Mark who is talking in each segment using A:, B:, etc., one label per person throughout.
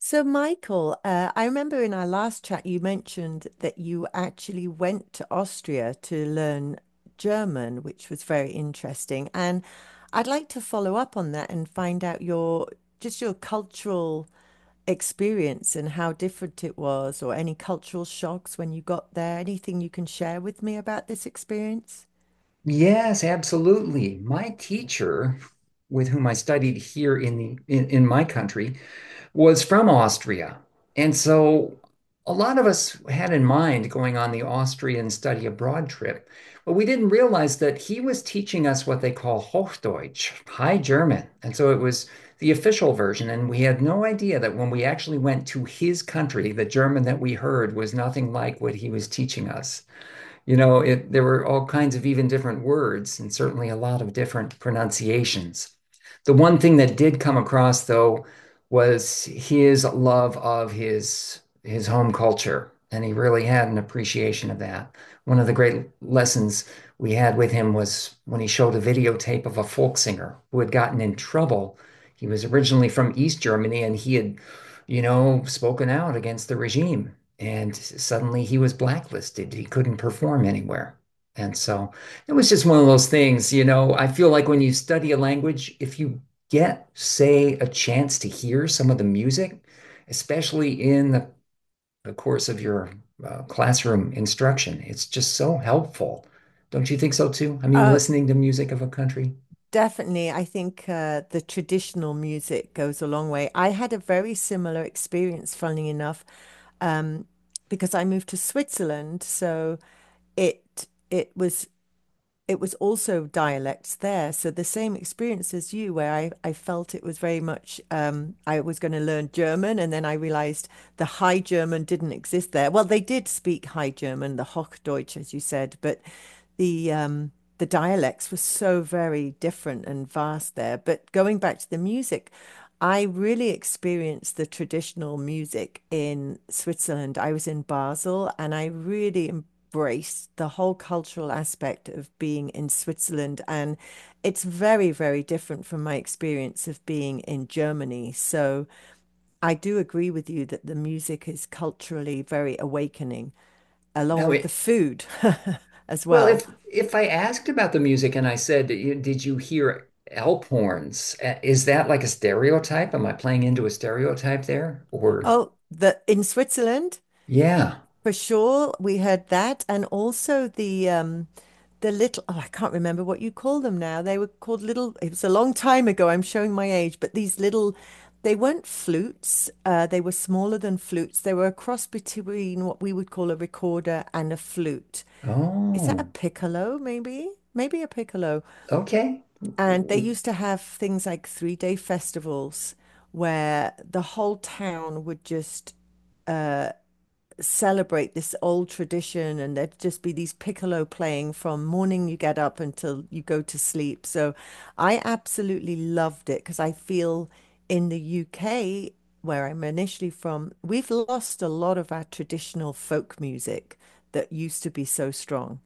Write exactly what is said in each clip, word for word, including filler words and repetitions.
A: So, Michael, uh, I remember in our last chat you mentioned that you actually went to Austria to learn German, which was very interesting. And I'd like to follow up on that and find out your just your cultural experience and how different it was, or any cultural shocks when you got there. Anything you can share with me about this experience?
B: Yes, absolutely. My teacher, with whom I studied here in the in, in my country, was from Austria. And so a lot of us had in mind going on the Austrian study abroad trip, but we didn't realize that he was teaching us what they call Hochdeutsch, High German. And so it was the official version, and we had no idea that when we actually went to his country, the German that we heard was nothing like what he was teaching us you know, it, There were all kinds of even different words and certainly a lot of different pronunciations. The one thing that did come across though was his love of his his home culture, and he really had an appreciation of that. One of the great lessons we had with him was when he showed a videotape of a folk singer who had gotten in trouble. He was originally from East Germany and he had, you know, spoken out against the regime. And suddenly he was blacklisted. He couldn't perform anywhere. And so it was just one of those things, you know. I feel like when you study a language, if you get, say, a chance to hear some of the music, especially in the, the course of your uh, classroom instruction, it's just so helpful. Don't you think so too? I mean,
A: Uh,
B: listening to music of a country.
A: Definitely, I think uh, the traditional music goes a long way. I had a very similar experience, funnily enough, um, because I moved to Switzerland. So it it was it was also dialects there. So the same experience as you, where I, I felt it was very much um, I was going to learn German, and then I realized the High German didn't exist there. Well, they did speak High German, the Hochdeutsch, as you said, but the um, the dialects were so very different and vast there. But going back to the music, I really experienced the traditional music in Switzerland. I was in Basel and I really embraced the whole cultural aspect of being in Switzerland. And it's very, very different from my experience of being in Germany. So I do agree with you that the music is culturally very awakening, along
B: Now,
A: with the
B: it,
A: food as
B: well,
A: well.
B: if if I asked about the music and I said, you- "Did you hear elk horns?" uh, Is that like a stereotype? Am I playing into a stereotype there? Or
A: Oh, the in Switzerland,
B: yeah.
A: for sure, we heard that, and also the um, the little, oh, I can't remember what you call them now. They were called little. It was a long time ago. I'm showing my age, but these little, they weren't flutes. Uh, they were smaller than flutes. They were a cross between what we would call a recorder and a flute. Is that a
B: Oh.
A: piccolo? Maybe, maybe a piccolo.
B: Okay.
A: And they used to have things like three day festivals where the whole town would just celebrate this old tradition, and there'd just be these piccolo playing from morning you get up until you go to sleep. So I absolutely loved it because I feel in the U K, where I'm initially from, we've lost a lot of our traditional folk music that used to be so strong.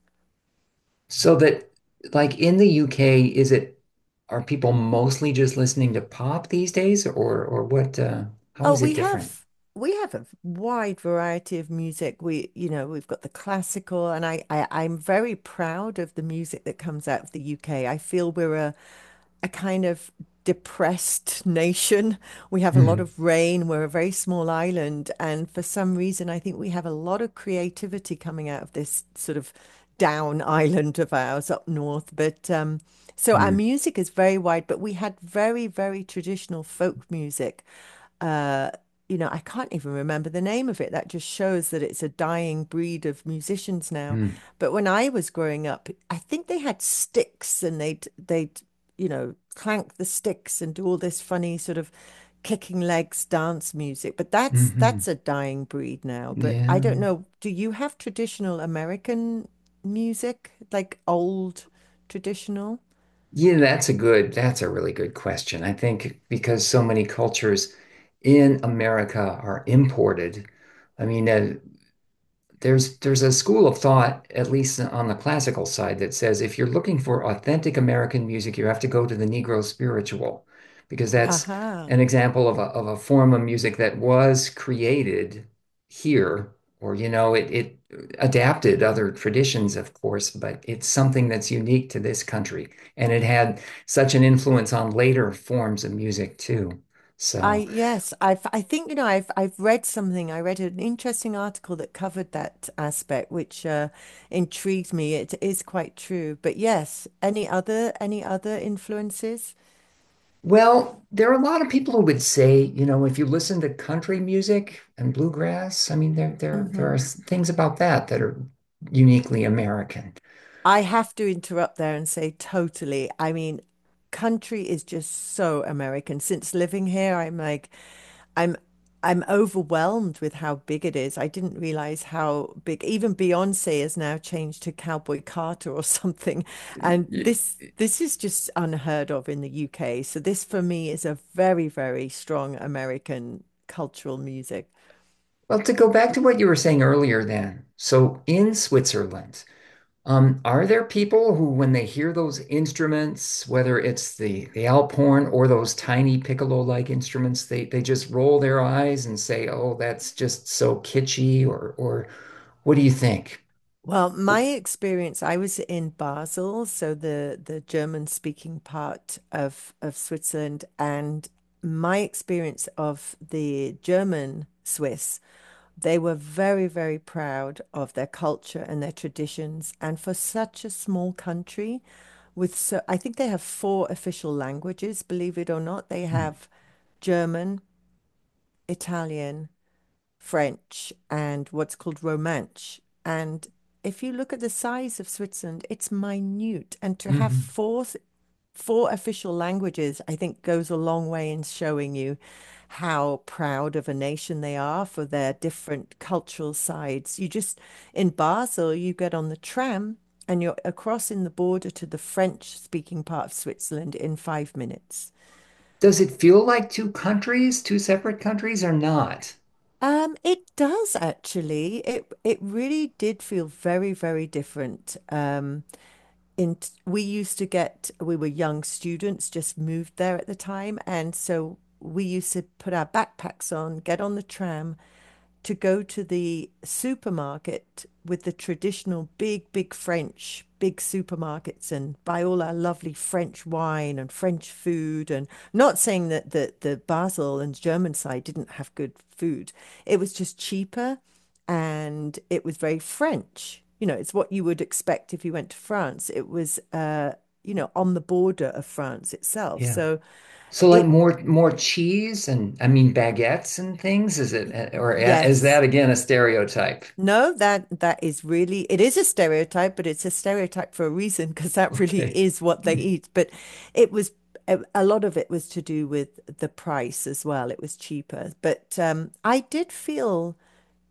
B: So that like in the U K, is it, are people mostly just listening to pop these days, or or what uh how
A: Oh,
B: is it
A: we
B: different?
A: have we have a wide variety of music. We, you know, we've got the classical, and I, I I'm very proud of the music that comes out of the U K. I feel we're a a kind of depressed nation. We have a lot
B: Hmm.
A: of rain. We're a very small island, and for some reason, I think we have a lot of creativity coming out of this sort of down island of ours up north. But um, so our
B: Hmm.
A: music is very wide, but we had very, very traditional folk music. uh, you know, I can't even remember the name of it. That just shows that it's a dying breed of musicians now. But when I was growing up, I think they had sticks and they'd they'd, you know, clank the sticks and do all this funny sort of kicking legs dance music. But that's
B: Hmm.
A: that's a dying breed now. But I
B: Yeah.
A: don't know, do you have traditional American music, like old traditional?
B: Yeah, that's a good, that's a really good question. I think because so many cultures in America are imported. I mean, uh, there's there's a school of thought, at least on the classical side, that says if you're looking for authentic American music, you have to go to the Negro spiritual, because that's an
A: Aha.
B: example of a of a form of music that was created here, or you know, it it adapted other traditions, of course, but it's something that's unique to this country, and it had such an influence on later forms of music too.
A: I
B: So.
A: yes, I've I think you know I've I've read something. I read an interesting article that covered that aspect, which uh, intrigued me. It is quite true. But yes, any other any other influences?
B: Well, there are a lot of people who would say, you know, if you listen to country music and bluegrass, I mean, there there there
A: Hmm.
B: are s- things about that that are uniquely American.
A: I have to interrupt there and say totally. I mean, country is just so American. Since living here, I'm like, I'm I'm overwhelmed with how big it is. I didn't realize how big. Even Beyonce has now changed to Cowboy Carter or something. And
B: Ye-
A: this this is just unheard of in the U K. So this for me is a very, very strong American cultural music.
B: Well, to go back to what you were saying earlier, then, so in Switzerland, um, are there people who, when they hear those instruments, whether it's the the Alp horn or those tiny piccolo-like instruments, they they just roll their eyes and say, "Oh, that's just so kitschy," or or what do you think?
A: Well, my experience, I was in Basel, so the the German speaking part of of Switzerland, and my experience of the German Swiss. They were very, very proud of their culture and their traditions. And for such a small country, with so, I think they have four official languages, believe it or not. They have German, Italian, French, and what's called Romance. And if you look at the size of Switzerland, it's minute. And to have
B: Mm-hmm.
A: four four official languages, I think, goes a long way in showing you how proud of a nation they are for their different cultural sides. You just, in Basel, you get on the tram and you're across in the border to the French-speaking part of Switzerland in five minutes.
B: Does it feel like two countries, two separate countries, or not?
A: Um, it does actually. It it really did feel very, very different. Um, in we used to get we were young students just moved there at the time, and so we used to put our backpacks on, get on the tram to go to the supermarket with the traditional big, big French, big supermarkets, and buy all our lovely French wine and French food. And not saying that the, the Basel and German side didn't have good food, it was just cheaper and it was very French. You know, it's what you would expect if you went to France. It was, uh, you know, on the border of France itself.
B: Yeah.
A: So
B: So like
A: it,
B: more more cheese and I mean baguettes and things, is it, or eh, is that
A: yes.
B: again a stereotype?
A: No, that that is really, it is a stereotype, but it's a stereotype for a reason because that really
B: Okay.
A: is what they eat. But it was a, a lot of it was to do with the price as well. It was cheaper. But um, I did feel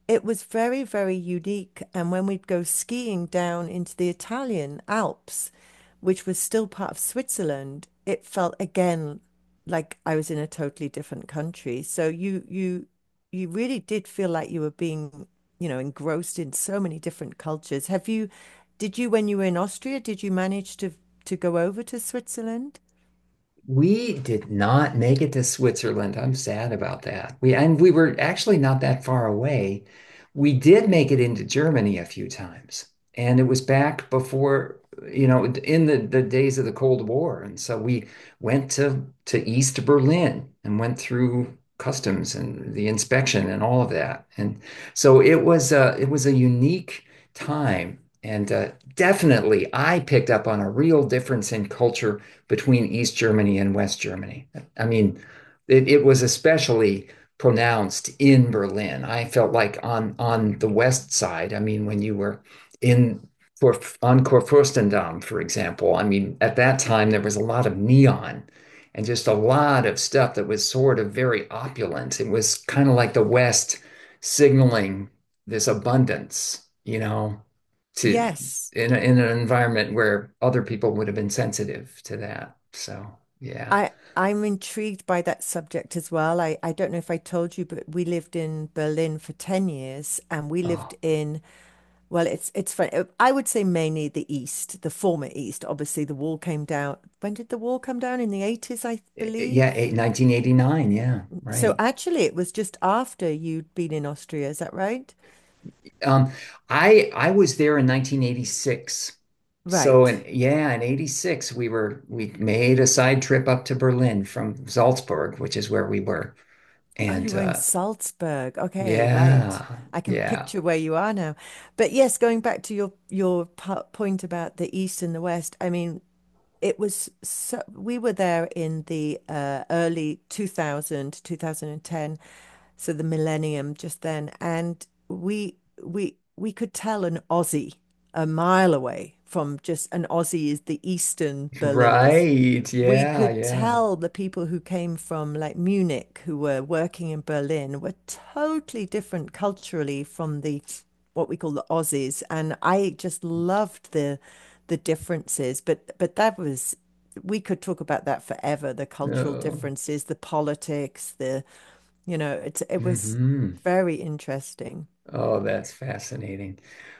A: it was very, very unique. And when we'd go skiing down into the Italian Alps, which was still part of Switzerland, it felt again like I was in a totally different country. So you you you really did feel like you were being, you know, engrossed in so many different cultures. Have you, did you, when you were in Austria, did you manage to to go over to Switzerland?
B: We did not make it to Switzerland. I'm sad about that. We, and we were actually not that far away. We did make it into Germany a few times, and it was back before, you know, in the, the days of the Cold War. And so we went to to East Berlin and went through customs and the inspection and all of that. And so it was a, it was a unique time. And uh, definitely, I picked up on a real difference in culture between East Germany and West Germany. I mean, it, it was especially pronounced in Berlin. I felt like on on the west side. I mean, when you were in for on Kurfürstendamm, for example. I mean, at that time there was a lot of neon and just a lot of stuff that was sort of very opulent. It was kind of like the West signaling this abundance, you know, to
A: Yes.
B: in a, in an environment where other people would have been sensitive to that. So yeah,
A: I I'm intrigued by that subject as well. I, I don't know if I told you, but we lived in Berlin for ten years and we
B: oh
A: lived in, well, it's it's funny. uh, I would say mainly the East, the former East. Obviously, the wall came down. When did the wall come down? In the eighties, I
B: eh, eh,
A: believe.
B: yeah, nineteen eighty-nine. Yeah,
A: So
B: right.
A: actually, it was just after you'd been in Austria, is that right?
B: Um, I I was there in nineteen eighty-six. So
A: Right.
B: in yeah, in eighty-six we were, we made a side trip up to Berlin from Salzburg, which is where we were.
A: Oh, you
B: And
A: were in
B: uh
A: Salzburg. Okay, right.
B: yeah,
A: I can
B: yeah,
A: picture where you are now. But yes, going back to your your po- point about the East and the West, I mean, it was so, we were there in the uh, early two thousand two thousand and ten, so the millennium just then, and we we we could tell an Aussie a mile away. From just an Aussie is the Eastern Berliners,
B: right.
A: we
B: Yeah,
A: could
B: yeah.
A: tell the people who came from like Munich who were working in Berlin were totally different culturally from the what we call the Aussies. And I just loved the the differences, but but that was, we could talk about that forever, the cultural
B: Oh.
A: differences, the politics, the, you know it it was
B: Hmm.
A: very interesting.
B: Oh, that's fascinating.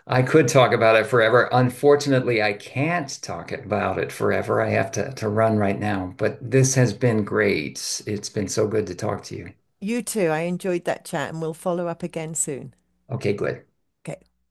B: I could talk about it forever. Unfortunately, I can't talk about it forever. I have to, to run right now, but this has been great. It's been so good to talk to you.
A: You too, I enjoyed that chat, and we'll follow up again soon.
B: Okay, good.
A: Okay.